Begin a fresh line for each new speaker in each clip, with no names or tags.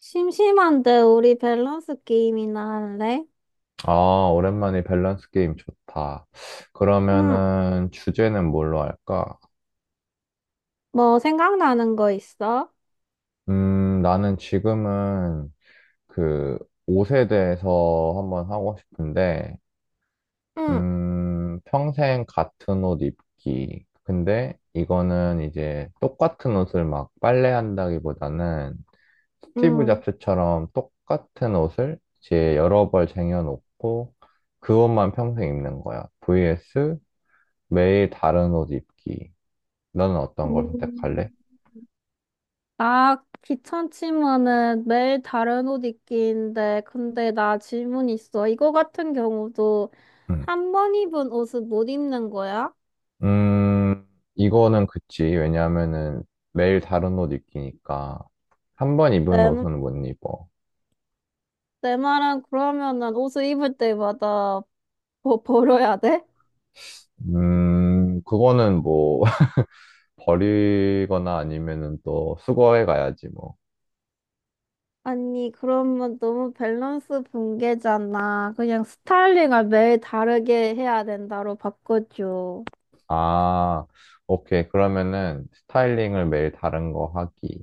심심한데 우리 밸런스 게임이나 할래?
아, 오랜만에 밸런스 게임 좋다.
응.
그러면은 주제는 뭘로 할까?
뭐 생각나는 거 있어?
나는 지금은 그 옷에 대해서 한번 하고 싶은데,
응.
평생 같은 옷 입기. 근데 이거는 이제 똑같은 옷을 막 빨래한다기보다는 스티브
응.
잡스처럼 똑같은 옷을 이제 여러 벌 쟁여놓고 그 옷만 평생 입는 거야. vs 매일 다른 옷 입기. 너는 어떤 걸 선택할래?
음, 나 귀찮지만은 매일 다른 옷 입기인데 근데 나 질문 있어. 이거 같은 경우도
음.
한 번 입은 옷을 못 입는 거야?
음, 이거는 그치. 왜냐하면은 매일 다른 옷 입기니까 한 번 입은
내,
옷은 못 입어.
내 말은 그러면은 옷을 입을 때마다 벌어야 돼?
그거는 뭐 버리거나 아니면은 또 수거해 가야지 뭐.
아니, 그러면 너무 밸런스 붕괴잖아. 그냥 스타일링을 매일 다르게 해야 된다로 바꿔줘.
아, 오케이. 그러면은 스타일링을 매일 다른 거 하기.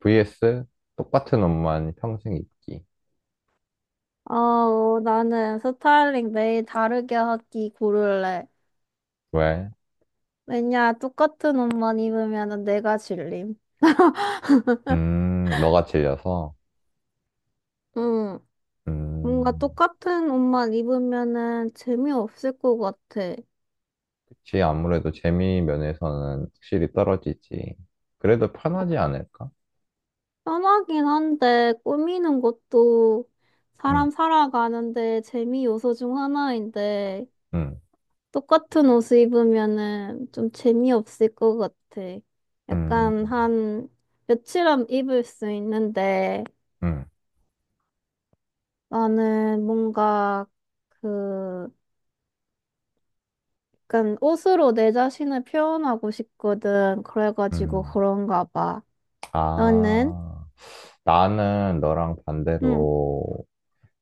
vs 똑같은 옷만 평생 입기.
어, 나는 스타일링 매일 다르게 하기 고를래.
왜?
왜냐, 똑같은 옷만 입으면 내가 질림.
너가 질려서.
응, 뭔가
음.
똑같은 옷만 입으면은 재미없을 것 같아.
그치, 아무래도 재미 면에서는 확실히 떨어지지. 그래도 편하지 않을까?
편하긴 한데 꾸미는 것도
응,
사람 살아가는데 재미 요소 중 하나인데
응,
똑같은 옷을 입으면은 좀 재미없을 것 같아.
응,
약간 한 며칠 안 입을 수 있는데
응,
나는 뭔가 그 약간 옷으로 내 자신을 표현하고 싶거든. 그래가지고
응.
그런가 봐. 너는?
아, 나는 너랑
응.
반대로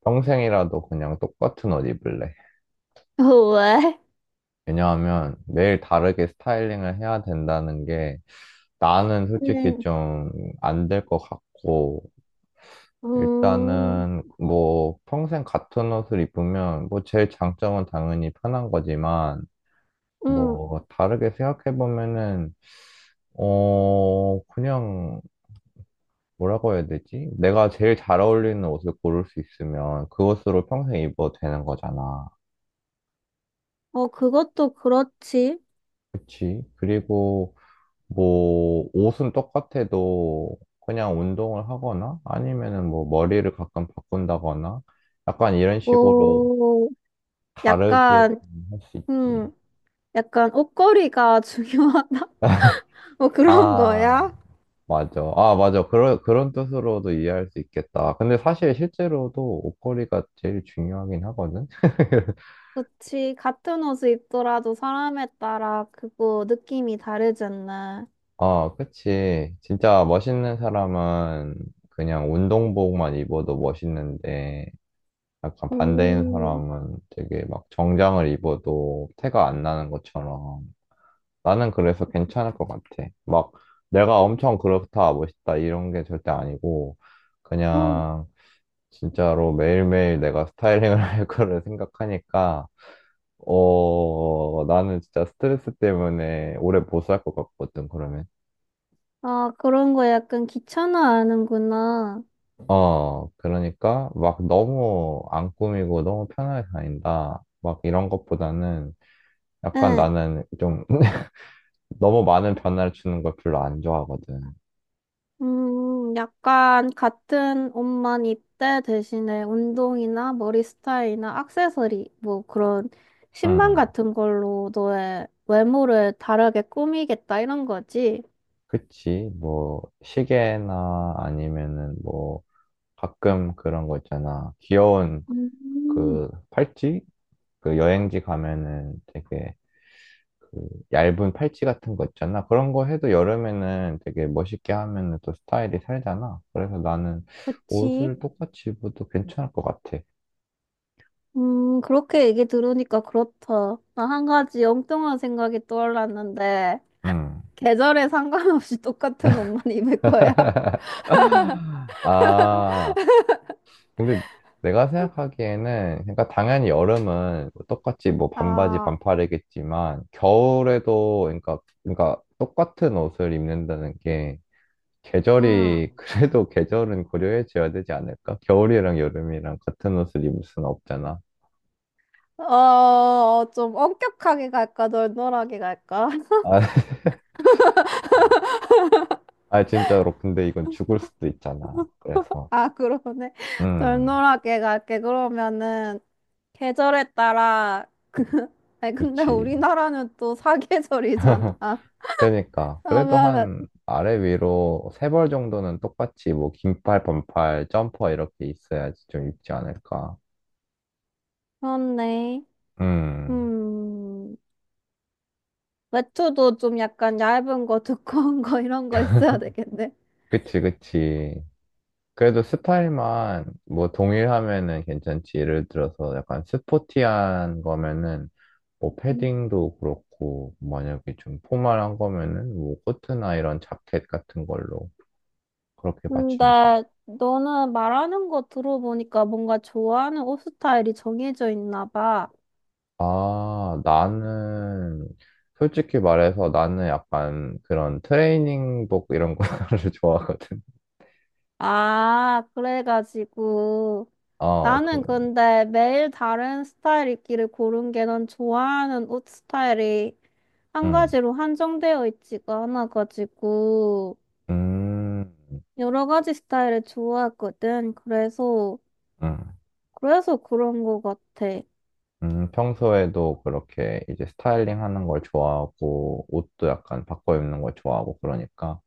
평생이라도 그냥 똑같은 옷 입을래.
왜?
왜냐하면 매일 다르게 스타일링을 해야 된다는 게 나는 솔직히
응.
좀 안 될 것 같고,
음,
일단은 뭐 평생 같은 옷을 입으면 뭐 제일 장점은 당연히 편한 거지만,
응.
뭐, 다르게 생각해보면은, 그냥, 뭐라고 해야 되지? 내가 제일 잘 어울리는 옷을 고를 수 있으면 그것으로 평생 입어도 되는 거잖아.
어, 그것도 그렇지.
그치? 그리고, 뭐, 옷은 똑같아도 그냥 운동을 하거나 아니면은 뭐, 머리를 가끔 바꾼다거나 약간 이런 식으로
오,
다르게
약간,
할 수 있지.
음, 약간 옷걸이가 중요하다. 어, 그런
아.
거야?
맞아. 아, 맞아. 그런 뜻으로도 이해할 수 있겠다. 근데 사실 실제로도 옷걸이가 제일 중요하긴 하거든?
그치. 같은 옷을 입더라도 사람에 따라 그거 느낌이 다르잖아.
아, 그치. 진짜 멋있는 사람은 그냥 운동복만 입어도 멋있는데, 약간 반대인
음,
사람은 되게 막 정장을 입어도 태가 안 나는 것처럼. 나는 그래서 괜찮을 것 같아. 막 내가 엄청 그렇다, 멋있다, 이런 게 절대 아니고,
음.
그냥 진짜로 매일매일 내가 스타일링을 할 거를 생각하니까, 어, 나는 진짜 스트레스 때문에 오래 못 살 것 같거든, 그러면.
아, 그런 거 약간 귀찮아하는구나.
어, 그러니까 막 너무 안 꾸미고 너무 편하게 다닌다. 막 이런 것보다는 약간
응.
나는 좀 너무 많은 변화를 주는 걸 별로 안 좋아하거든.
약간 같은 옷만 입되 대신에 운동이나 머리 스타일이나 액세서리, 뭐 그런 신발
응,
같은 걸로 너의 외모를 다르게 꾸미겠다 이런 거지.
그치. 뭐, 시계나 아니면은 뭐, 가끔 그런 거 있잖아. 귀여운
음,
그 팔찌? 그 여행지 가면은 되게 그 얇은 팔찌 같은 거 있잖아. 그런 거 해도 여름에는 되게 멋있게 하면은 또 스타일이 살잖아. 그래서 나는
그치.
옷을 똑같이 입어도 괜찮을 것 같아.
그렇게 얘기 들으니까 그렇다. 나 한 가지 엉뚱한 생각이 떠올랐는데,
음.
계절에 상관없이 똑같은 옷만 입을 거야?
아, 근데 내가 생각하기에는, 그러니까 당연히 여름은 뭐 똑같이 뭐 반바지
아,
반팔이겠지만, 겨울에도, 그러니까 똑같은 옷을 입는다는 게
음.
계절이, 그래도 계절은 고려해줘야 되지 않을까? 겨울이랑 여름이랑 같은 옷을 입을 수는 없잖아.
어, 좀 엄격하게 갈까, 널널하게 갈까?
아, 아, 진짜로. 근데 이건 죽을 수도 있잖아. 그래서,
아, 그러네.
음,
널널하게 갈게. 그러면은, 계절에 따라, 아니, 근데
그렇지.
우리나라는 또 사계절이잖아.
그러니까 그래도
그러면은,
한 아래 위로 세벌 정도는 똑같이 뭐 긴팔, 반팔, 점퍼 이렇게 있어야지 좀 입지 않을까.
그렇네.
음,
음. 외투도 좀 약간 얇은 거, 두꺼운 거, 이런 거 있어야 되겠네.
그치, 그치. 그래도 스타일만 뭐 동일하면은 괜찮지. 예를 들어서 약간 스포티한 거면은 뭐
음.
패딩도 그렇고 만약에 좀 포멀한 거면은 뭐 코트나 이런 자켓 같은 걸로 그렇게 맞추면,
근데 너는 말하는 거 들어보니까 뭔가 좋아하는 옷 스타일이 정해져 있나 봐.
아, 나는 솔직히 말해서 나는 약간 그런 트레이닝복 이런 거를 좋아하거든.
아, 그래가지고.
아 그
나는 근데 매일 다른 스타일 입기를 고른 게 난 좋아하는 옷 스타일이 한
음
가지로 한정되어 있지가 않아가지고
음
여러 가지 스타일을 좋아하거든. 그래서,
음
그래서 그런 것 같아.
평소에도 그렇게 이제 스타일링 하는 걸 좋아하고 옷도 약간 바꿔 입는 걸 좋아하고 그러니까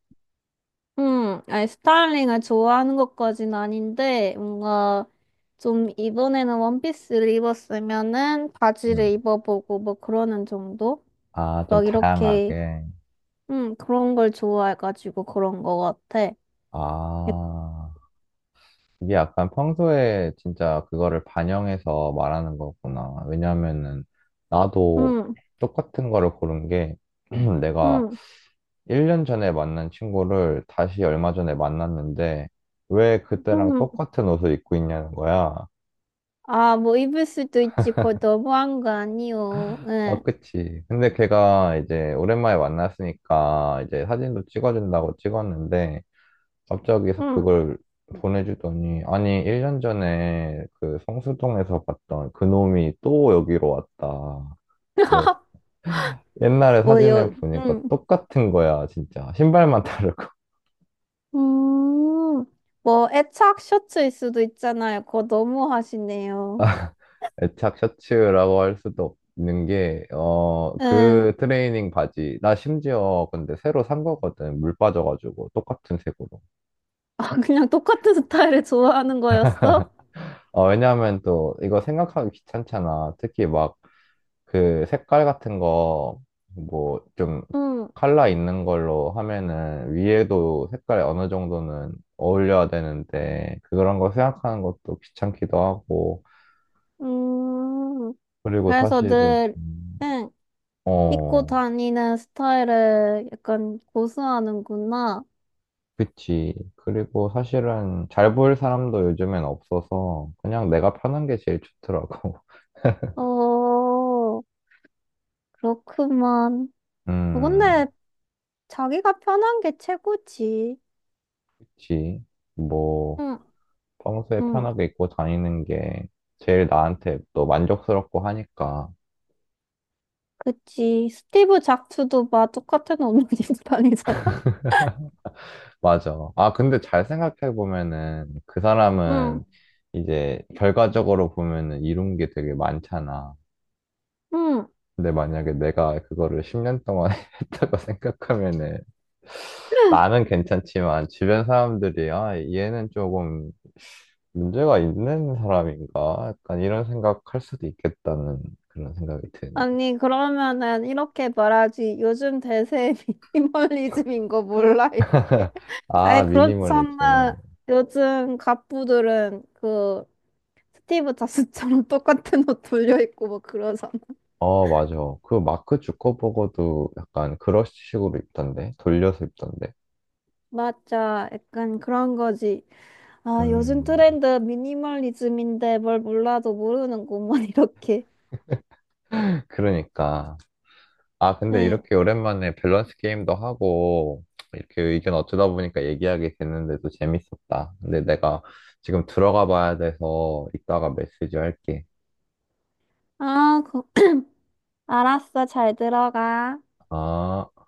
아니, 스타일링을 좋아하는 것까진 아닌데, 뭔가 좀 이번에는 원피스를 입었으면은
음.
바지를 입어보고 뭐 그러는 정도?
아, 좀
막 이렇게,
다양하게.
그런 걸 좋아해가지고 그런 거 같아.
아,
약-
이게 약간 평소에 진짜 그거를 반영해서 말하는 거구나. 왜냐면은 나도
음,
똑같은 거를 고른 게 내가
음,
1년 전에 만난 친구를 다시 얼마 전에 만났는데 왜 그때랑
음.
똑같은 옷을 입고 있냐는 거야.
아, 뭐 입을 수도 있지. 그거 너무한 거 아니요.
아,
예,
그치. 근데 걔가 이제 오랜만에 만났으니까 이제 사진도 찍어준다고 찍었는데 갑자기
음.
그걸 보내주더니, 아니, 1년 전에 그 성수동에서 봤던 그놈이 또 여기로 왔다. 그래서 옛날에
뭐요,
사진을 보니까 똑같은 거야, 진짜. 신발만 다르고.
음, 뭐 애착 셔츠일 수도 있잖아요. 그거 너무 하시네요.
애착 셔츠라고 할 수도 없는 게,
응.
그 트레이닝 바지. 나 심지어 근데 새로 산 거거든. 물 빠져가지고. 똑같은 색으로.
아, 그냥 똑같은 스타일을 좋아하는 거였어?
어, 왜냐하면 또 이거 생각하기 귀찮잖아. 특히 막 그 색깔 같은 거 뭐 좀
응,
컬러 있는 걸로 하면은 위에도 색깔이 어느 정도는 어울려야 되는데 그런 거 생각하는 것도 귀찮기도 하고
음,
그리고
그래서
사실은
늘, 응, 입고
어
다니는 스타일을 약간 고수하는구나.
그치, 그리고 사실은 잘 보일 사람도 요즘엔 없어서 그냥 내가 편한 게 제일 좋더라고.
어, 그렇구만. 어,
음,
근데 자기가 편한 게 최고지.
그치. 뭐
응,
평소에
응,
편하게 입고 다니는 게 제일 나한테 또 만족스럽고 하니까.
그치. 스티브 잡스도 막 똑같은 옷만 입고 다니잖아.
맞아. 아, 근데 잘 생각해보면은 그
응,
사람은 이제 결과적으로 보면은 이룬 게 되게 많잖아.
응.
근데 만약에 내가 그거를 10년 동안 했다고 생각하면은 나는 괜찮지만 주변 사람들이 아, 얘는 조금 문제가 있는 사람인가? 약간 이런 생각할 수도 있겠다는 그런 생각이 드네.
아니, 그러면은 이렇게 말하지. 요즘 대세 미니멀리즘인 거 몰라, 이렇게.
아,
아니, 그렇잖아.
미니멀리즘.
요즘 갑부들은 그 스티브 잡스처럼 똑같은 옷 돌려입고 뭐 그러잖아.
어, 맞아. 그 마크 주커버거도 약간 그런 식으로 입던데. 돌려서 입던데.
맞아. 약간 그런 거지. 아, 요즘
음,
트렌드 미니멀리즘인데 뭘 몰라도 모르는구먼, 이렇게.
그러니까. 아, 근데
응.
이렇게 오랜만에 밸런스 게임도 하고, 이렇게 의견 어쩌다 보니까 얘기하게 됐는데도 재밌었다. 근데 내가 지금 들어가 봐야 돼서 이따가 메시지 할게.
아, 그- 알았어. 잘 들어가.
아.